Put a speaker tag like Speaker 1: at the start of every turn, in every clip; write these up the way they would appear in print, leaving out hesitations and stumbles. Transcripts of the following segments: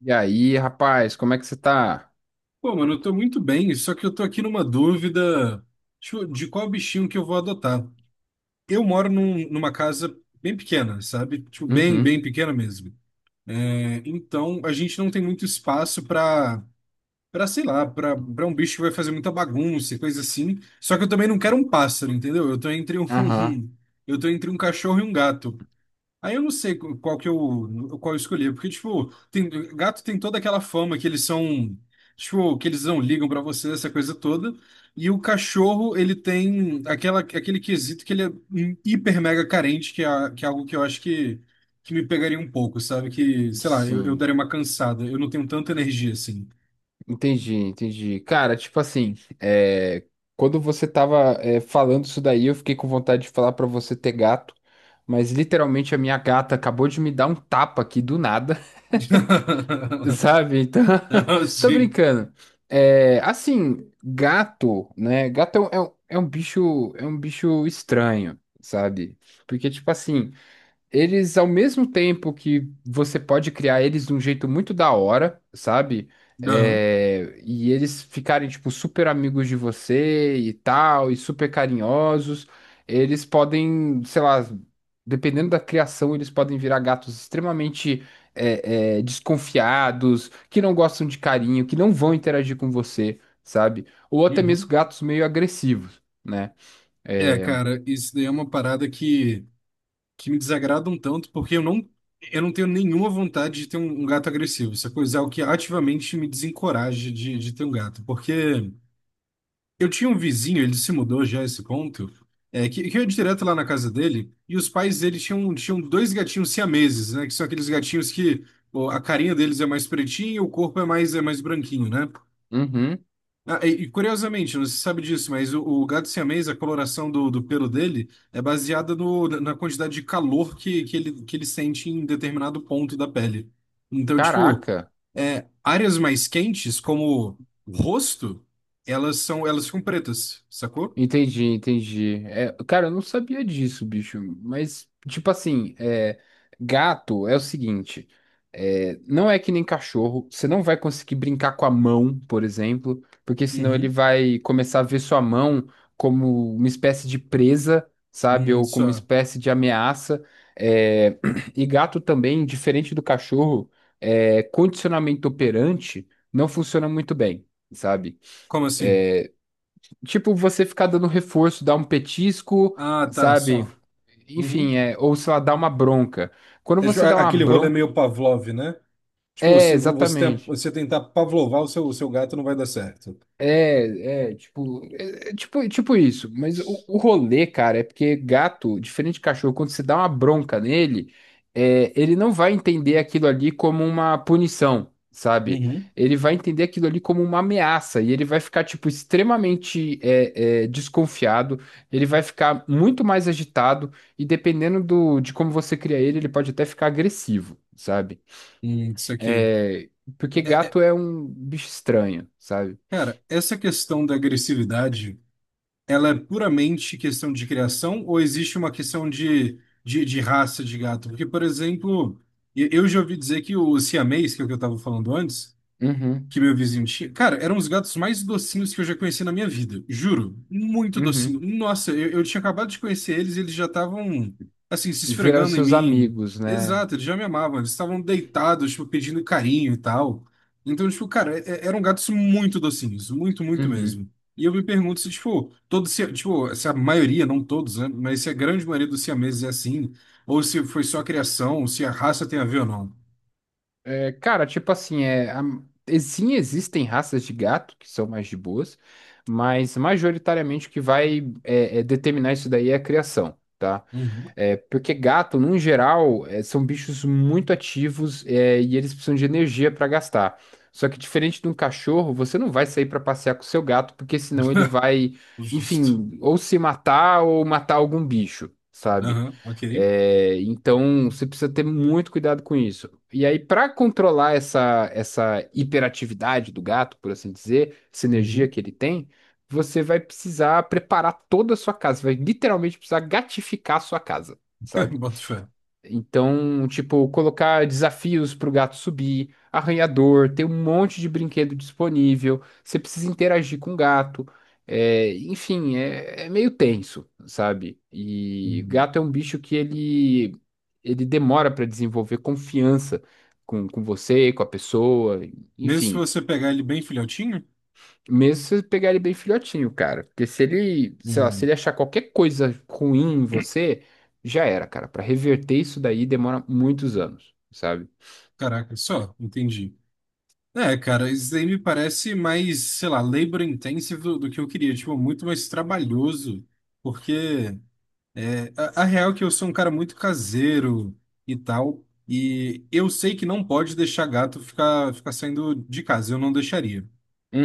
Speaker 1: E aí, rapaz, como é que você tá?
Speaker 2: Pô, mano, eu tô muito bem, só que eu tô aqui numa dúvida tipo, de qual bichinho que eu vou adotar. Eu moro numa casa bem pequena, sabe? Tipo, bem,
Speaker 1: Uhum.
Speaker 2: bem pequena mesmo. É, então, a gente não tem muito espaço sei lá, pra um bicho que vai fazer muita bagunça e coisa assim. Só que eu também não quero um pássaro, entendeu? Eu tô entre um,
Speaker 1: Aham.
Speaker 2: eu tô entre um cachorro e um gato. Aí eu não sei qual eu escolhi, porque, tipo, tem, gato tem toda aquela fama que eles são, tipo, que eles não ligam pra você, essa coisa toda. E o cachorro, ele tem aquele quesito que ele é hiper mega carente, que é algo que eu acho que me pegaria um pouco, sabe? Que, sei lá, eu
Speaker 1: Sim.
Speaker 2: daria uma cansada, eu não tenho tanta energia assim.
Speaker 1: Entendi, entendi. Cara, tipo assim, quando você tava falando isso daí, eu fiquei com vontade de falar pra você ter gato, mas literalmente a minha gata acabou de me dar um tapa aqui do nada, sabe? Então,
Speaker 2: Ah,
Speaker 1: tô
Speaker 2: sim.
Speaker 1: brincando. É, assim, gato, né? Gato é um, é um bicho, é um bicho estranho, sabe? Porque, tipo assim. Eles, ao mesmo tempo que você pode criar eles de um jeito muito da hora, sabe?
Speaker 2: Aham.
Speaker 1: É, e eles ficarem, tipo, super amigos de você e tal, e super carinhosos. Eles podem, sei lá, dependendo da criação, eles podem virar gatos extremamente desconfiados, que não gostam de carinho, que não vão interagir com você, sabe? Ou até mesmo
Speaker 2: Uhum.
Speaker 1: gatos meio agressivos, né?
Speaker 2: É,
Speaker 1: É.
Speaker 2: cara, isso daí é uma parada que. Que me desagrada um tanto, porque eu eu não tenho nenhuma vontade de ter um, um gato agressivo. Essa coisa é o que ativamente me desencoraja de ter um gato. Porque eu tinha um vizinho, ele se mudou já a esse ponto, é, que eu ia direto lá na casa dele, e os pais dele tinham dois gatinhos siameses, né? Que são aqueles gatinhos que pô, a carinha deles é mais pretinha e o corpo é é mais branquinho, né?
Speaker 1: Uhum.
Speaker 2: Ah, curiosamente, não se sabe disso, mas o gato siamês, a coloração do pelo dele é baseada no, na quantidade de calor que que ele sente em determinado ponto da pele. Então, tipo,
Speaker 1: Caraca.
Speaker 2: é, áreas mais quentes, como o rosto, elas são, elas ficam pretas, sacou?
Speaker 1: Entendi, entendi. É, cara, eu não sabia disso, bicho. Mas, tipo assim, é, gato é o seguinte: é, não é que nem cachorro. Você não vai conseguir brincar com a mão, por exemplo, porque senão ele
Speaker 2: Uhum.
Speaker 1: vai começar a ver sua mão como uma espécie de presa, sabe? Ou como uma
Speaker 2: Só.
Speaker 1: espécie de ameaça. É, e gato também, diferente do cachorro, é, condicionamento operante não funciona muito bem. Sabe?
Speaker 2: Como assim?
Speaker 1: Tipo, você ficar dando reforço, dar um petisco,
Speaker 2: Ah, tá,
Speaker 1: sabe?
Speaker 2: só. Uhum.
Speaker 1: Enfim, é, ou sei lá, dar uma bronca. Quando
Speaker 2: É, tipo,
Speaker 1: você dá uma
Speaker 2: aquele rolê
Speaker 1: bronca.
Speaker 2: meio Pavlov, né? Tipo,
Speaker 1: É,
Speaker 2: se vo- você, tem,
Speaker 1: exatamente.
Speaker 2: você tentar pavlovar o seu gato, não vai dar certo.
Speaker 1: É tipo isso. Mas o rolê, cara, é porque gato, diferente de cachorro, quando você dá uma bronca nele, é, ele não vai entender aquilo ali como uma punição, sabe?
Speaker 2: Uhum.
Speaker 1: Ele vai entender aquilo ali como uma ameaça e ele vai ficar, tipo, extremamente desconfiado, ele vai ficar muito mais agitado e dependendo do, de como você cria ele, ele pode até ficar agressivo, sabe?
Speaker 2: Isso aqui.
Speaker 1: É, porque
Speaker 2: É- é-
Speaker 1: gato é um bicho estranho, sabe?
Speaker 2: cara, essa questão da agressividade, ela é puramente questão de criação ou existe uma questão de, de raça de gato? Porque, por exemplo, eu já ouvi dizer que o siamês, que é o que eu estava falando antes,
Speaker 1: Uhum.
Speaker 2: que meu vizinho tinha. Cara, eram os gatos mais docinhos que eu já conheci na minha vida. Juro. Muito docinho.
Speaker 1: Uhum.
Speaker 2: Nossa, eu tinha acabado de conhecer eles e eles já estavam, assim, se
Speaker 1: E viraram
Speaker 2: esfregando em
Speaker 1: seus
Speaker 2: mim.
Speaker 1: amigos, né?
Speaker 2: Exato, eles já me amavam. Eles estavam deitados, tipo, pedindo carinho e tal. Então, tipo, cara, eram gatos muito docinhos. Muito, muito
Speaker 1: Uhum.
Speaker 2: mesmo. E eu me pergunto se, tipo, todos, se- tipo, se a maioria, não todos, né? Mas se a grande maioria dos siameses é assim, ou se foi só a criação, se a raça tem a ver ou não.
Speaker 1: É, cara, tipo assim, sim, existem raças de gato que são mais de boas, mas majoritariamente o que vai determinar isso daí é a criação. Tá?
Speaker 2: Uhum.
Speaker 1: É, porque gato, num geral, é, são bichos muito ativos, é, e eles precisam de energia para gastar. Só que diferente de um cachorro, você não vai sair para passear com o seu gato, porque senão ele vai,
Speaker 2: Justo.
Speaker 1: enfim, ou se matar ou matar algum bicho, sabe?
Speaker 2: Aham, ok.
Speaker 1: É, então você precisa ter muito cuidado com isso. E aí, para controlar essa, essa hiperatividade do gato, por assim dizer, essa energia
Speaker 2: Uhum.
Speaker 1: que ele tem você vai precisar preparar toda a sua casa, vai literalmente precisar gatificar a sua casa, sabe?
Speaker 2: Boto fé.
Speaker 1: Então, tipo, colocar desafios pro gato subir, arranhador, ter um monte de brinquedo disponível, você precisa interagir com o gato, é, enfim, é, é meio tenso, sabe? E
Speaker 2: Uhum.
Speaker 1: gato é um bicho que ele demora para desenvolver confiança com você, com a pessoa,
Speaker 2: Mesmo
Speaker 1: enfim.
Speaker 2: se você pegar ele bem filhotinho?
Speaker 1: Mesmo se você pegar ele bem filhotinho, cara. Porque se ele, sei lá, se
Speaker 2: Uhum.
Speaker 1: ele achar qualquer coisa ruim em você, já era, cara. Pra reverter isso daí demora muitos anos, sabe?
Speaker 2: Caraca, só, entendi. É, cara, isso daí me parece mais, sei lá, labor intensive do que eu queria, tipo, muito mais trabalhoso, porque é, a real é que eu sou um cara muito caseiro e tal, e eu sei que não pode deixar gato ficar saindo de casa, eu não deixaria.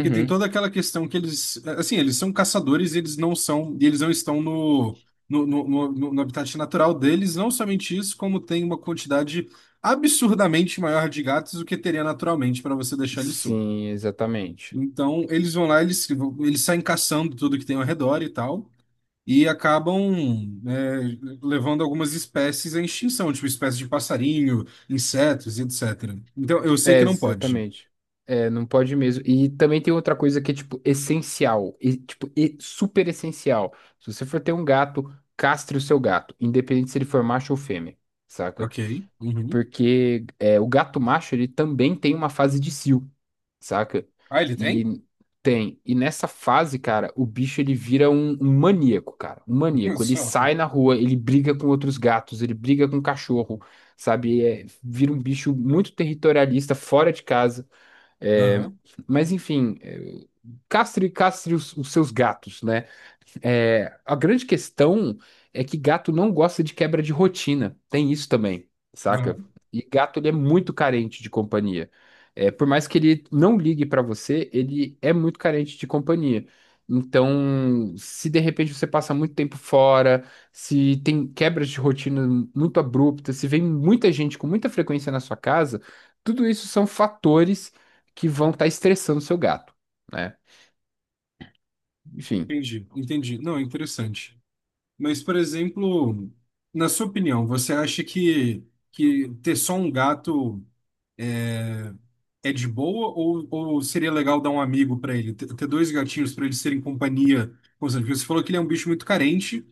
Speaker 2: Porque tem toda aquela questão que eles, assim, eles são caçadores e eles não são, e eles não estão no habitat natural deles. Não somente isso, como tem uma quantidade absurdamente maior de gatos do que teria naturalmente para você deixar eles soltos.
Speaker 1: Sim, exatamente.
Speaker 2: Então, eles vão lá, eles saem caçando tudo que tem ao redor e tal, e acabam é, levando algumas espécies à extinção, tipo espécies de passarinho, insetos e etc. Então, eu sei
Speaker 1: É,
Speaker 2: que não pode.
Speaker 1: exatamente. É, não pode mesmo. E também tem outra coisa que é, tipo, essencial. E, tipo, e super essencial. Se você for ter um gato, castre o seu gato, independente se ele for macho ou fêmea, saca?
Speaker 2: Ok. Uhum.
Speaker 1: Porque é, o gato macho, ele também tem uma fase de cio. Saca?
Speaker 2: Ah, ele tem?
Speaker 1: E tem. E nessa fase, cara, o bicho ele vira um, um maníaco, cara. Um maníaco. Ele
Speaker 2: Só.
Speaker 1: sai na rua, ele briga com outros gatos, ele briga com cachorro, sabe? É, vira um bicho muito territorialista, fora de casa. É,
Speaker 2: Aham,
Speaker 1: mas enfim, é, castre, castre os seus gatos, né? É, a grande questão é que gato não gosta de quebra de rotina. Tem isso também, saca?
Speaker 2: aham.
Speaker 1: E gato ele é muito carente de companhia. É, por mais que ele não ligue pra você, ele é muito carente de companhia. Então, se de repente você passa muito tempo fora, se tem quebras de rotina muito abruptas, se vem muita gente com muita frequência na sua casa, tudo isso são fatores que vão estar estressando o seu gato, né? Enfim.
Speaker 2: Entendi, entendi. Não, interessante. Mas, por exemplo, na sua opinião, você acha que ter só um gato é de boa ou seria legal dar um amigo para ele? Ter dois gatinhos para eles serem companhia constante? Porque você falou que ele é um bicho muito carente,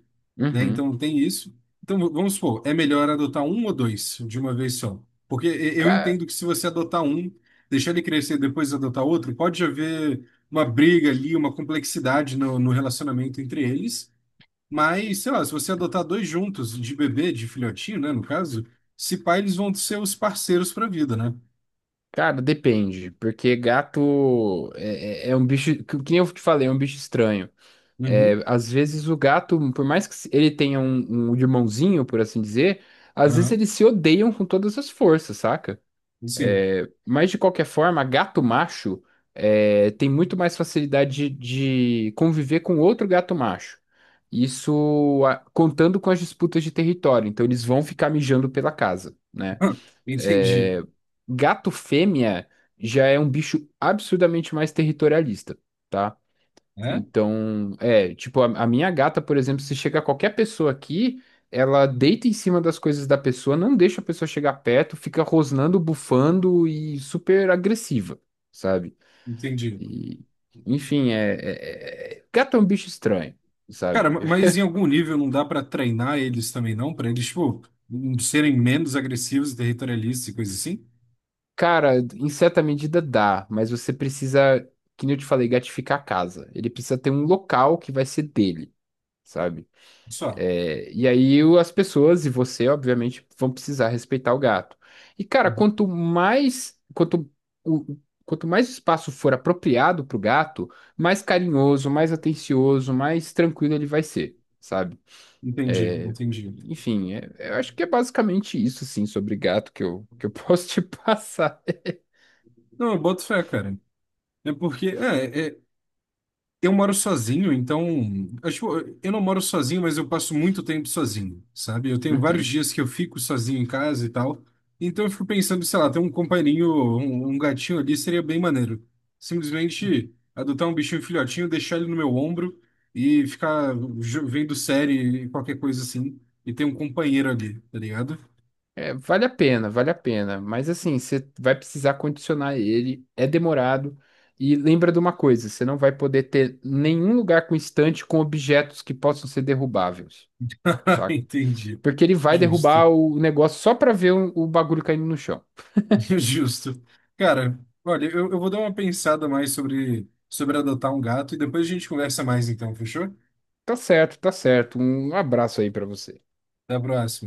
Speaker 2: né?
Speaker 1: Uhum.
Speaker 2: Então tem isso. Então vamos supor, é melhor adotar um ou dois de uma vez só. Porque eu entendo que se você adotar um, deixar ele crescer e depois adotar outro, pode haver uma briga ali, uma complexidade no, no relacionamento entre eles. Mas, sei lá, se você adotar dois juntos, de bebê, de filhotinho, né, no caso, se pá, eles vão ser os parceiros pra vida, né?
Speaker 1: Cara, depende, porque gato é um bicho, que nem eu te falei, é um bicho estranho. É,
Speaker 2: Uhum,
Speaker 1: às vezes o gato, por mais que ele tenha um, um irmãozinho, por assim dizer, às vezes
Speaker 2: aham,
Speaker 1: eles se odeiam com todas as forças, saca?
Speaker 2: sim.
Speaker 1: Mas de qualquer forma, gato macho é, tem muito mais facilidade de conviver com outro gato macho. Isso contando com as disputas de território, então eles vão ficar mijando pela casa. Né?
Speaker 2: Entendi.
Speaker 1: É, gato fêmea já é um bicho absurdamente mais territorialista, tá?
Speaker 2: É?
Speaker 1: Então, é, tipo, a minha gata, por exemplo, se chega qualquer pessoa aqui, ela deita em cima das coisas da pessoa, não deixa a pessoa chegar perto, fica rosnando, bufando e super agressiva, sabe?
Speaker 2: Entendi.
Speaker 1: E, enfim, gato é um bicho estranho, sabe?
Speaker 2: Cara, mas em algum nível não dá pra treinar eles também, não? Pra eles, tipo, serem menos agressivos e territorialistas e coisa assim?
Speaker 1: Cara, em certa medida dá, mas você precisa, que nem eu te falei, gatificar a casa. Ele precisa ter um local que vai ser dele, sabe?
Speaker 2: Só.
Speaker 1: É, e aí as pessoas e você, obviamente, vão precisar respeitar o gato. E, cara,
Speaker 2: Uhum.
Speaker 1: o, quanto mais espaço for apropriado pro gato, mais carinhoso, mais atencioso, mais tranquilo ele vai ser, sabe?
Speaker 2: Entendi,
Speaker 1: É,
Speaker 2: entendi.
Speaker 1: enfim, eu acho que é basicamente isso, assim, sobre gato que eu posso te passar.
Speaker 2: Não, eu boto fé, cara. É porque, eu moro sozinho, então. Acho, eu não moro sozinho, mas eu passo muito tempo sozinho, sabe? Eu tenho vários
Speaker 1: Uhum.
Speaker 2: dias que eu fico sozinho em casa e tal. Então eu fico pensando, sei lá, ter um companheirinho, um gatinho ali seria bem maneiro. Simplesmente adotar um bichinho filhotinho, deixar ele no meu ombro e ficar vendo série, qualquer coisa assim, e ter um companheiro ali, tá ligado?
Speaker 1: É, vale a pena, vale a pena. Mas assim, você vai precisar condicionar ele, é demorado. E lembra de uma coisa, você não vai poder ter nenhum lugar com estante com objetos que possam ser derrubáveis, saca?
Speaker 2: Entendi.
Speaker 1: Porque ele vai
Speaker 2: Justo.
Speaker 1: derrubar o negócio só pra ver o bagulho caindo no chão.
Speaker 2: Justo. Cara, olha, eu vou dar uma pensada mais sobre, sobre adotar um gato e depois a gente conversa mais então, fechou?
Speaker 1: Tá certo, tá certo. Um abraço aí pra você.
Speaker 2: Até a próxima.